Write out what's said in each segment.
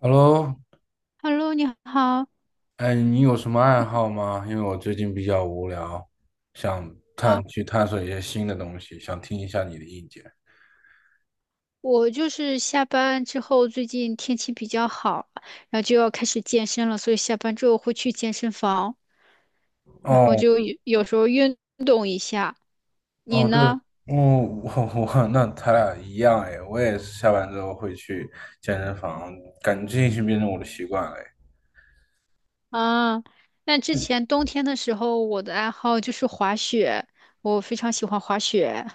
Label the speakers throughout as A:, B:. A: Hello，
B: Hello，你好
A: 哎，你有什么爱好吗？因为我最近比较无聊，想
B: 啊，
A: 探去探索一些新的东西，想听一下你的意见。
B: 我就是下班之后，最近天气比较好，然后就要开始健身了，所以下班之后会去健身房，然
A: 哦
B: 后就有时候运动一下。你
A: 哦，对，哦，
B: 呢？
A: 我那咱俩一样哎，我也是下班之后会去健身房，感觉这已经变成我的习惯了哎。
B: 啊，那之前冬天的时候，我的爱好就是滑雪，我非常喜欢滑雪。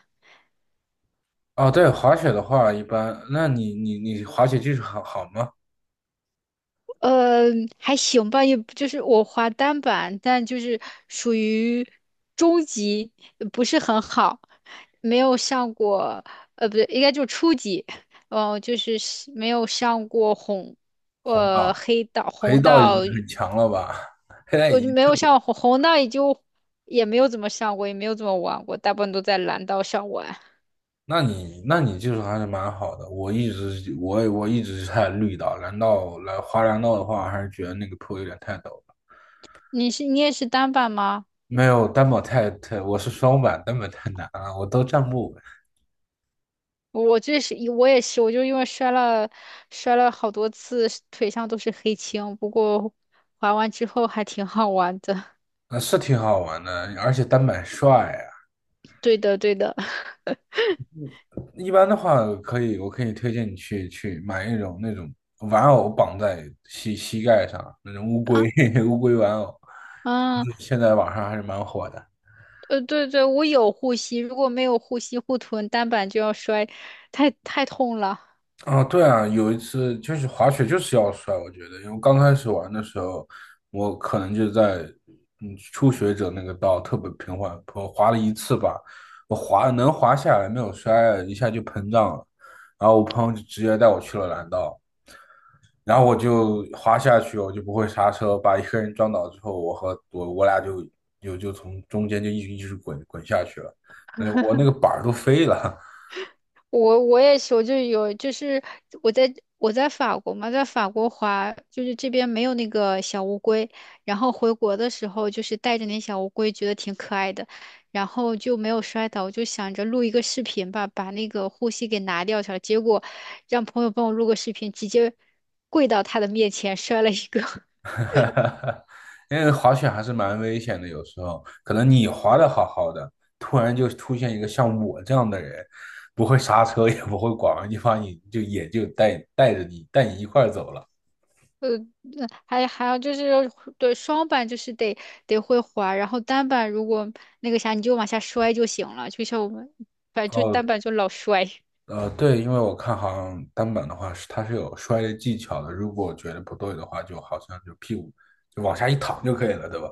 A: 哦，对，滑雪的话一般，那你滑雪技术好吗？
B: 呃，还行吧，也不就是我滑单板，但就是属于中级，不是很好，没有上过，不对，应该就初级，哦，就是没有上过红，
A: 红道、
B: 黑道、
A: 黑
B: 红
A: 道已
B: 道，
A: 经很强了吧？黑带
B: 我
A: 已
B: 就
A: 经
B: 没
A: 特。
B: 有上红道，也没有怎么上过，也没有怎么玩过，大部分都在蓝道上玩。
A: 那你技术还是蛮好的。我一直是在绿岛，蓝道的话，还是觉得那个坡有点太陡了。
B: 你也是单板吗？
A: 没有单板太，我是双板，单板太难了，我都站不稳。
B: 我也是，我就因为摔了好多次，腿上都是黑青。不过滑完之后还挺好玩的。
A: 那是挺好玩的，而且单板帅啊。
B: 对的，对的。
A: 一般的话，我可以推荐你去买一种那种玩偶绑在膝盖上那种乌龟
B: 啊，
A: 乌龟玩偶，
B: 嗯，
A: 现在网上还是蛮火的。
B: 对对，我有护膝，如果没有护膝护臀，单板就要摔，太痛了。
A: 啊，对啊，有一次就是滑雪就是要摔，我觉得，因为刚开始玩的时候，我可能就在初学者那个道特别平缓，我滑了一次吧，能滑下来，没有摔，一下就膨胀了，然后我朋友就直接带我去了蓝道，然后我就滑下去，我就不会刹车，把一个人撞倒之后，我和我我俩就从中间就一直滚下去了，那我那个板儿都飞了。
B: 我也是，我就有，就是我在法国嘛，在法国滑，就是这边没有那个小乌龟，然后回国的时候就是带着那小乌龟，觉得挺可爱的，然后就没有摔倒，我就想着录一个视频吧，把那个护膝给拿掉下来，结果让朋友帮我录个视频，直接跪到他的面前摔了一个。
A: 哈哈，因为滑雪还是蛮危险的，有时候可能你滑的好好的，突然就出现一个像我这样的人，不会刹车，也不会拐弯，就把你就也就带你一块儿走了。
B: 那还有就是对双板就是得会滑，然后单板如果那个啥，你就往下摔就行了，就像我们反正就单
A: 哦，
B: 板就老摔。
A: 对，因为我看好像单板的话是它是有摔的技巧的，如果觉得不对的话，就好像就屁股就往下一躺就可以了，对吧？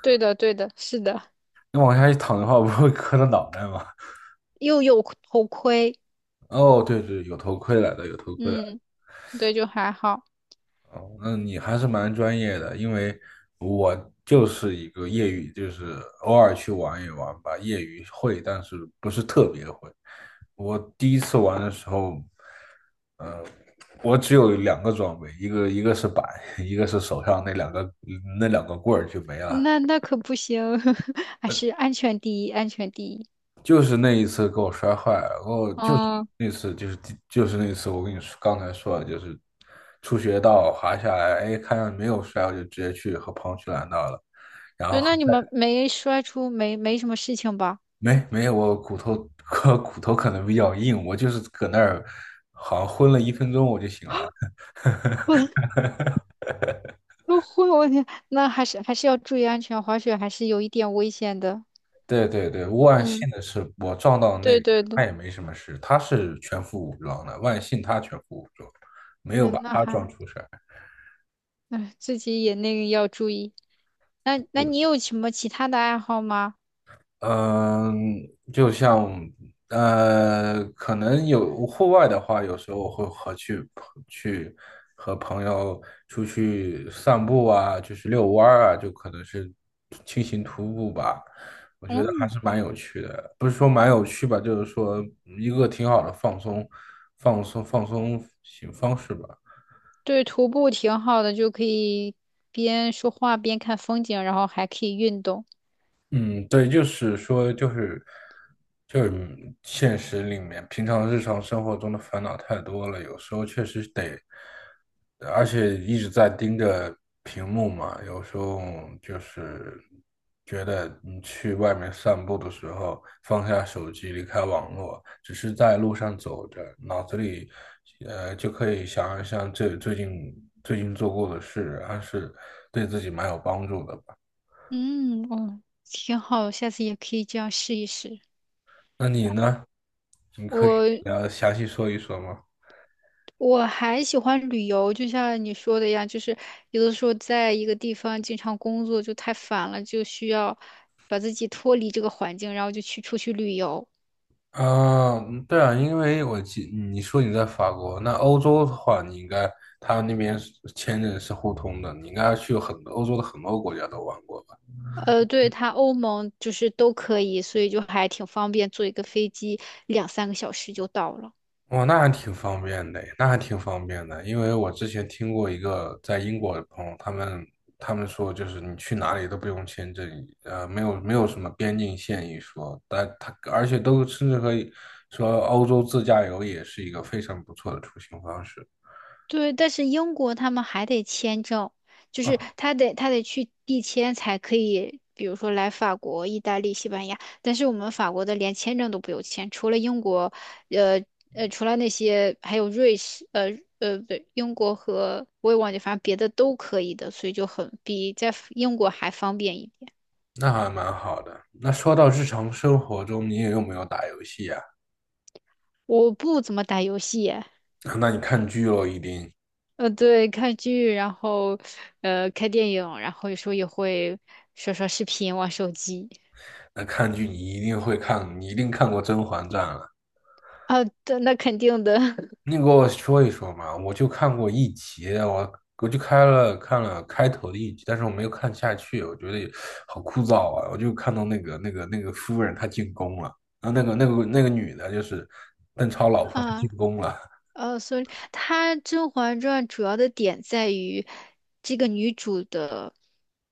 B: 对的，对的，是的，
A: 你往下一躺的话，不会磕到脑袋吗？
B: 又有头盔，
A: 哦，对对，有头盔来的，有头盔来的。
B: 嗯，对，就还好。
A: 哦，那你还是蛮专业的，因为我就是一个业余，就是偶尔去玩一玩吧，业余会，但是不是特别会。我第一次玩的时候，呃，我只有两个装备，一个是板，一个是手上那两个棍儿就没了。
B: 那可不行，还是安全第一，安全第一。
A: 就是那一次给我摔坏了，然后就是
B: 嗯，
A: 那次就是第就是那次我跟你说刚才说的，就是初学道滑下来，哎，看见没有摔，我就直接去和朋友去拦道了。然后
B: 对，那你们没摔出没没什么事情吧？
A: 没有，我骨头 我骨头可能比较硬，我就是搁那儿好像昏了1分钟我就醒来了。
B: 我我会，我天，那还是要注意安全，滑雪还是有一点危险的。
A: 对对对，万
B: 嗯，
A: 幸的是我撞到那个
B: 对
A: 人，
B: 对
A: 他
B: 对，
A: 也没什么事，他是全副武装的，万幸他全副武装，没有把
B: 嗯，那
A: 他撞
B: 还。
A: 出事儿。
B: 哎，自己也那个要注意。那你有什么其他的爱好吗？
A: 嗯，就像可能有户外的话，有时候我会去和朋友出去散步啊，就是遛弯儿啊，就可能是轻型徒步吧。我觉得还
B: 嗯，
A: 是蛮有趣的，不是说蛮有趣吧，就是说一个挺好的放松型方式吧。
B: 对，徒步挺好的，就可以边说话边看风景，然后还可以运动。
A: 嗯，对，就是说，就是现实里面，平常日常生活中的烦恼太多了，有时候确实得，而且一直在盯着屏幕嘛，有时候就是觉得你去外面散步的时候，放下手机，离开网络，只是在路上走着，脑子里就可以想一想这最近做过的事，还是对自己蛮有帮助的。
B: 嗯，哦，挺好，下次也可以这样试一试。
A: 那你呢？你可以
B: 我
A: 详细说一说吗？
B: 我还喜欢旅游，就像你说的一样，就是有的时候在一个地方经常工作就太烦了，就需要把自己脱离这个环境，然后就去出去旅游。
A: 啊，嗯对啊，因为我记你说你在法国，那欧洲的话，你应该他那边是签证是互通的，你应该去很多欧洲的很多国家都玩过。
B: 对，它欧盟就是都可以，所以就还挺方便，坐一个飞机两三个小时就到了。
A: 哇，那还挺方便的，那还挺方便的。因为我之前听过一个在英国的朋友，他们说，就是你去哪里都不用签证，没有什么边境线一说，而且都甚至可以说欧洲自驾游也是一个非常不错的出行方式。
B: 对，但是英国他们还得签证，就是
A: 嗯，
B: 他得去递签才可以，比如说来法国、意大利、西班牙。但是我们法国的连签证都不用签，除了英国，呃除了那些还有瑞士，不对，英国和我也忘记，反正别的都可以的，所以就很比在英国还方便一点。
A: 那还蛮好的。那说到日常生活中，你也有没有打游戏啊？
B: 我不怎么打游戏。
A: 那你看剧喽，一定，
B: 对，看剧，然后看电影，然后有时候也会刷刷视频、玩手机。
A: 那看剧你一定会看，你一定看过《甄嬛传》了。
B: 啊，对，那肯定的
A: 你给我说一说嘛，我就看过一集，我就看了开头的一集，但是我没有看下去，我觉得好枯燥啊！我就看到那个夫人她进宫了，啊，那个女的，就是邓超老婆她进
B: 啊。
A: 宫了。
B: 所以它《甄嬛传》主要的点在于这个女主的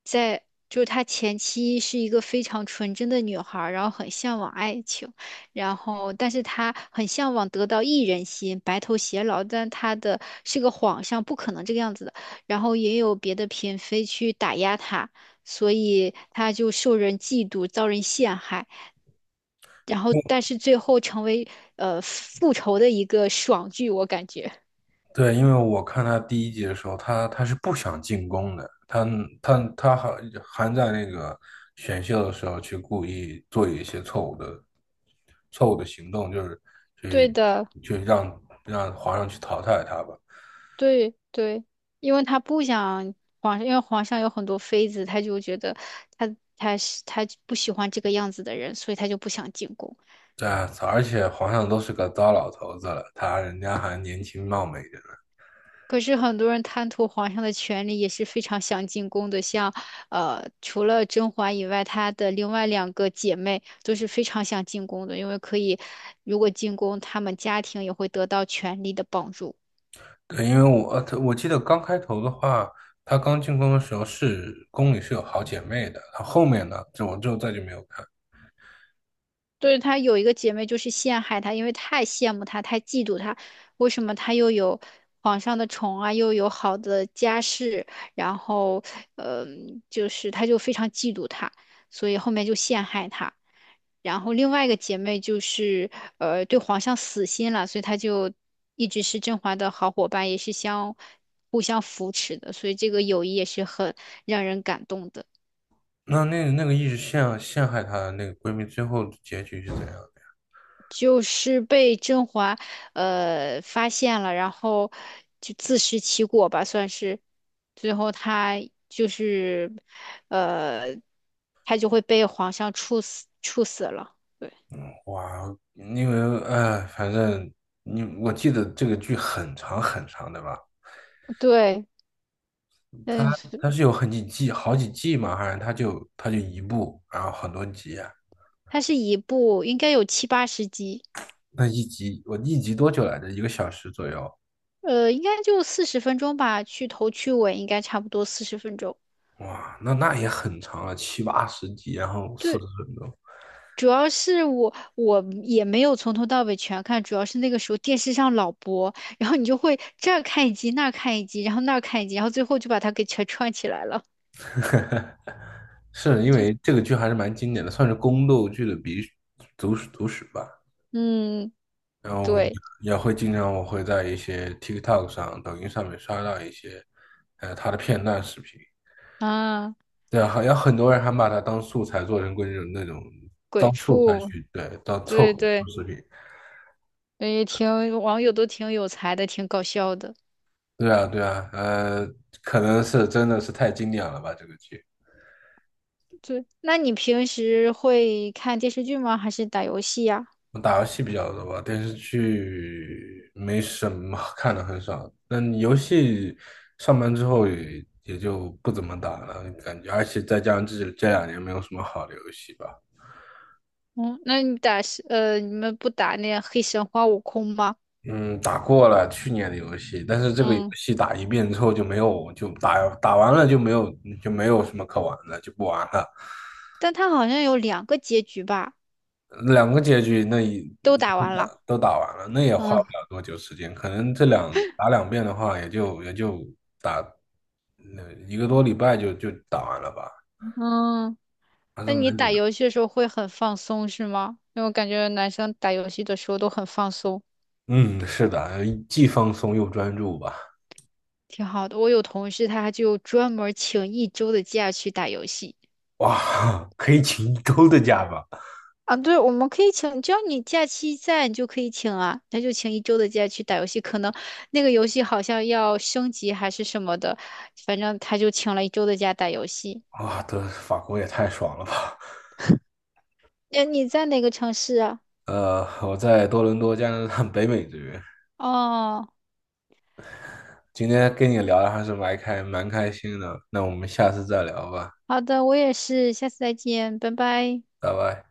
B: 在，就是她前期是一个非常纯真的女孩儿，然后很向往爱情，然后但是她很向往得到一人心，白头偕老，但她的是个皇上，不可能这个样子的，然后也有别的嫔妃去打压她，所以她就受人嫉妒，遭人陷害，然后但是最后成为复仇的一个爽剧，我感觉。
A: 对，因为我看他第一集的时候，他是不想进宫的，他还在那个选秀的时候去故意做一些错误的行动，就是
B: 对
A: 去
B: 的，
A: 去让皇上去淘汰他吧。
B: 对对，因为他不想皇上，因为皇上有很多妃子，他就觉得他不喜欢这个样子的人，所以他就不想进宫。
A: 对啊，而且皇上都是个糟老头子了，他人家还年轻貌美的呢。
B: 可是很多人贪图皇上的权力，也是非常想进宫的。像除了甄嬛以外，她的另外两个姐妹都是非常想进宫的，因为可以，如果进宫，她们家庭也会得到权力的帮助。
A: 对，因为我记得刚开头的话，他刚进宫的时候是宫里是有好姐妹的，他后面呢，就我就再就没有看。
B: 对，她有一个姐妹就是陷害她，因为太羡慕她，太嫉妒她。为什么她又有皇上的宠啊，又有好的家世，然后，就是她就非常嫉妒她，所以后面就陷害她。然后另外一个姐妹就是对皇上死心了，所以她就一直是甄嬛的好伙伴，也是互相扶持的，所以这个友谊也是很让人感动的。
A: 那个一直陷害她的那个闺蜜，最后结局是怎样的？
B: 就是被甄嬛发现了，然后就自食其果吧，算是。最后他就是呃，他就会被皇上处死，处死了。对，
A: 哇，因为哎，反正你我记得这个剧很长很长，的吧？
B: 对，嗯，
A: 它是有很几季，好几季嘛，好像它就一部，然后很多集啊。
B: 它是一部应该有七八十集，
A: 那一集我一集多久来着？1个小时左右。
B: 应该就四十分钟吧，去头去尾应该差不多四十分钟。
A: 哇，那也很长了，七八十集，然后四十
B: 对，
A: 分钟。
B: 主要是我也没有从头到尾全看，主要是那个时候电视上老播，然后你就会这儿看一集，那儿看一集，然后那儿看一集，然后最后就把它给全串起来了。
A: 是 因
B: 就
A: 为这个剧还是蛮经典的，算是宫斗剧的鼻祖史吧。
B: 嗯，
A: 然后也
B: 对
A: 也会经常我会在一些 TikTok 上、抖音上面刷到一些，他的片段视频。
B: 啊，
A: 对，好像很多人还把它当素材做成过那种
B: 鬼
A: 当素材
B: 畜，
A: 去，对，当凑
B: 对
A: 合做
B: 对，
A: 视频。
B: 网友都挺有才的，挺搞笑的。
A: 对啊，对啊，可能是真的是太经典了吧，这个剧。
B: 对，那你平时会看电视剧吗？还是打游戏呀？
A: 我打游戏比较多吧，电视剧没什么看的很少。那你游戏上班之后也就不怎么打了，感觉，而且再加上这2年没有什么好的游戏吧。
B: 嗯，那你们不打那黑神话悟空吗？
A: 嗯，打过了去年的游戏，但是这个游
B: 嗯，
A: 戏打1遍之后就没有，就打完了就没有，就没有什么可玩的，就不玩了。
B: 但它好像有两个结局吧。
A: 2个结局那也
B: 都
A: 也
B: 打
A: 都
B: 完了。
A: 打都打完了，那也花不
B: 嗯
A: 了多久时间，可能打2遍的话，也就打那1个多礼拜就打完了吧，
B: 嗯，
A: 还是
B: 那你
A: 蛮简
B: 打
A: 单。
B: 游戏的时候会很放松是吗？因为我感觉男生打游戏的时候都很放松，
A: 嗯，是的，既放松又专注吧。
B: 挺好的。我有同事他就专门请一周的假去打游戏
A: 哇，可以请1周的假吧？
B: 啊。对，我们可以请，只要你假期在，你就可以请啊。他就请一周的假去打游戏，可能那个游戏好像要升级还是什么的，反正他就请了一周的假打游戏。
A: 哇，这法国也太爽了吧！
B: 那你在哪个城市啊？
A: 我在多伦多，加拿大 北美这边。
B: 哦，
A: 今天跟你聊的还是蛮开心的，那我们下次再聊吧，
B: 好的，我也是，下次再见，拜拜。嗯。
A: 拜拜。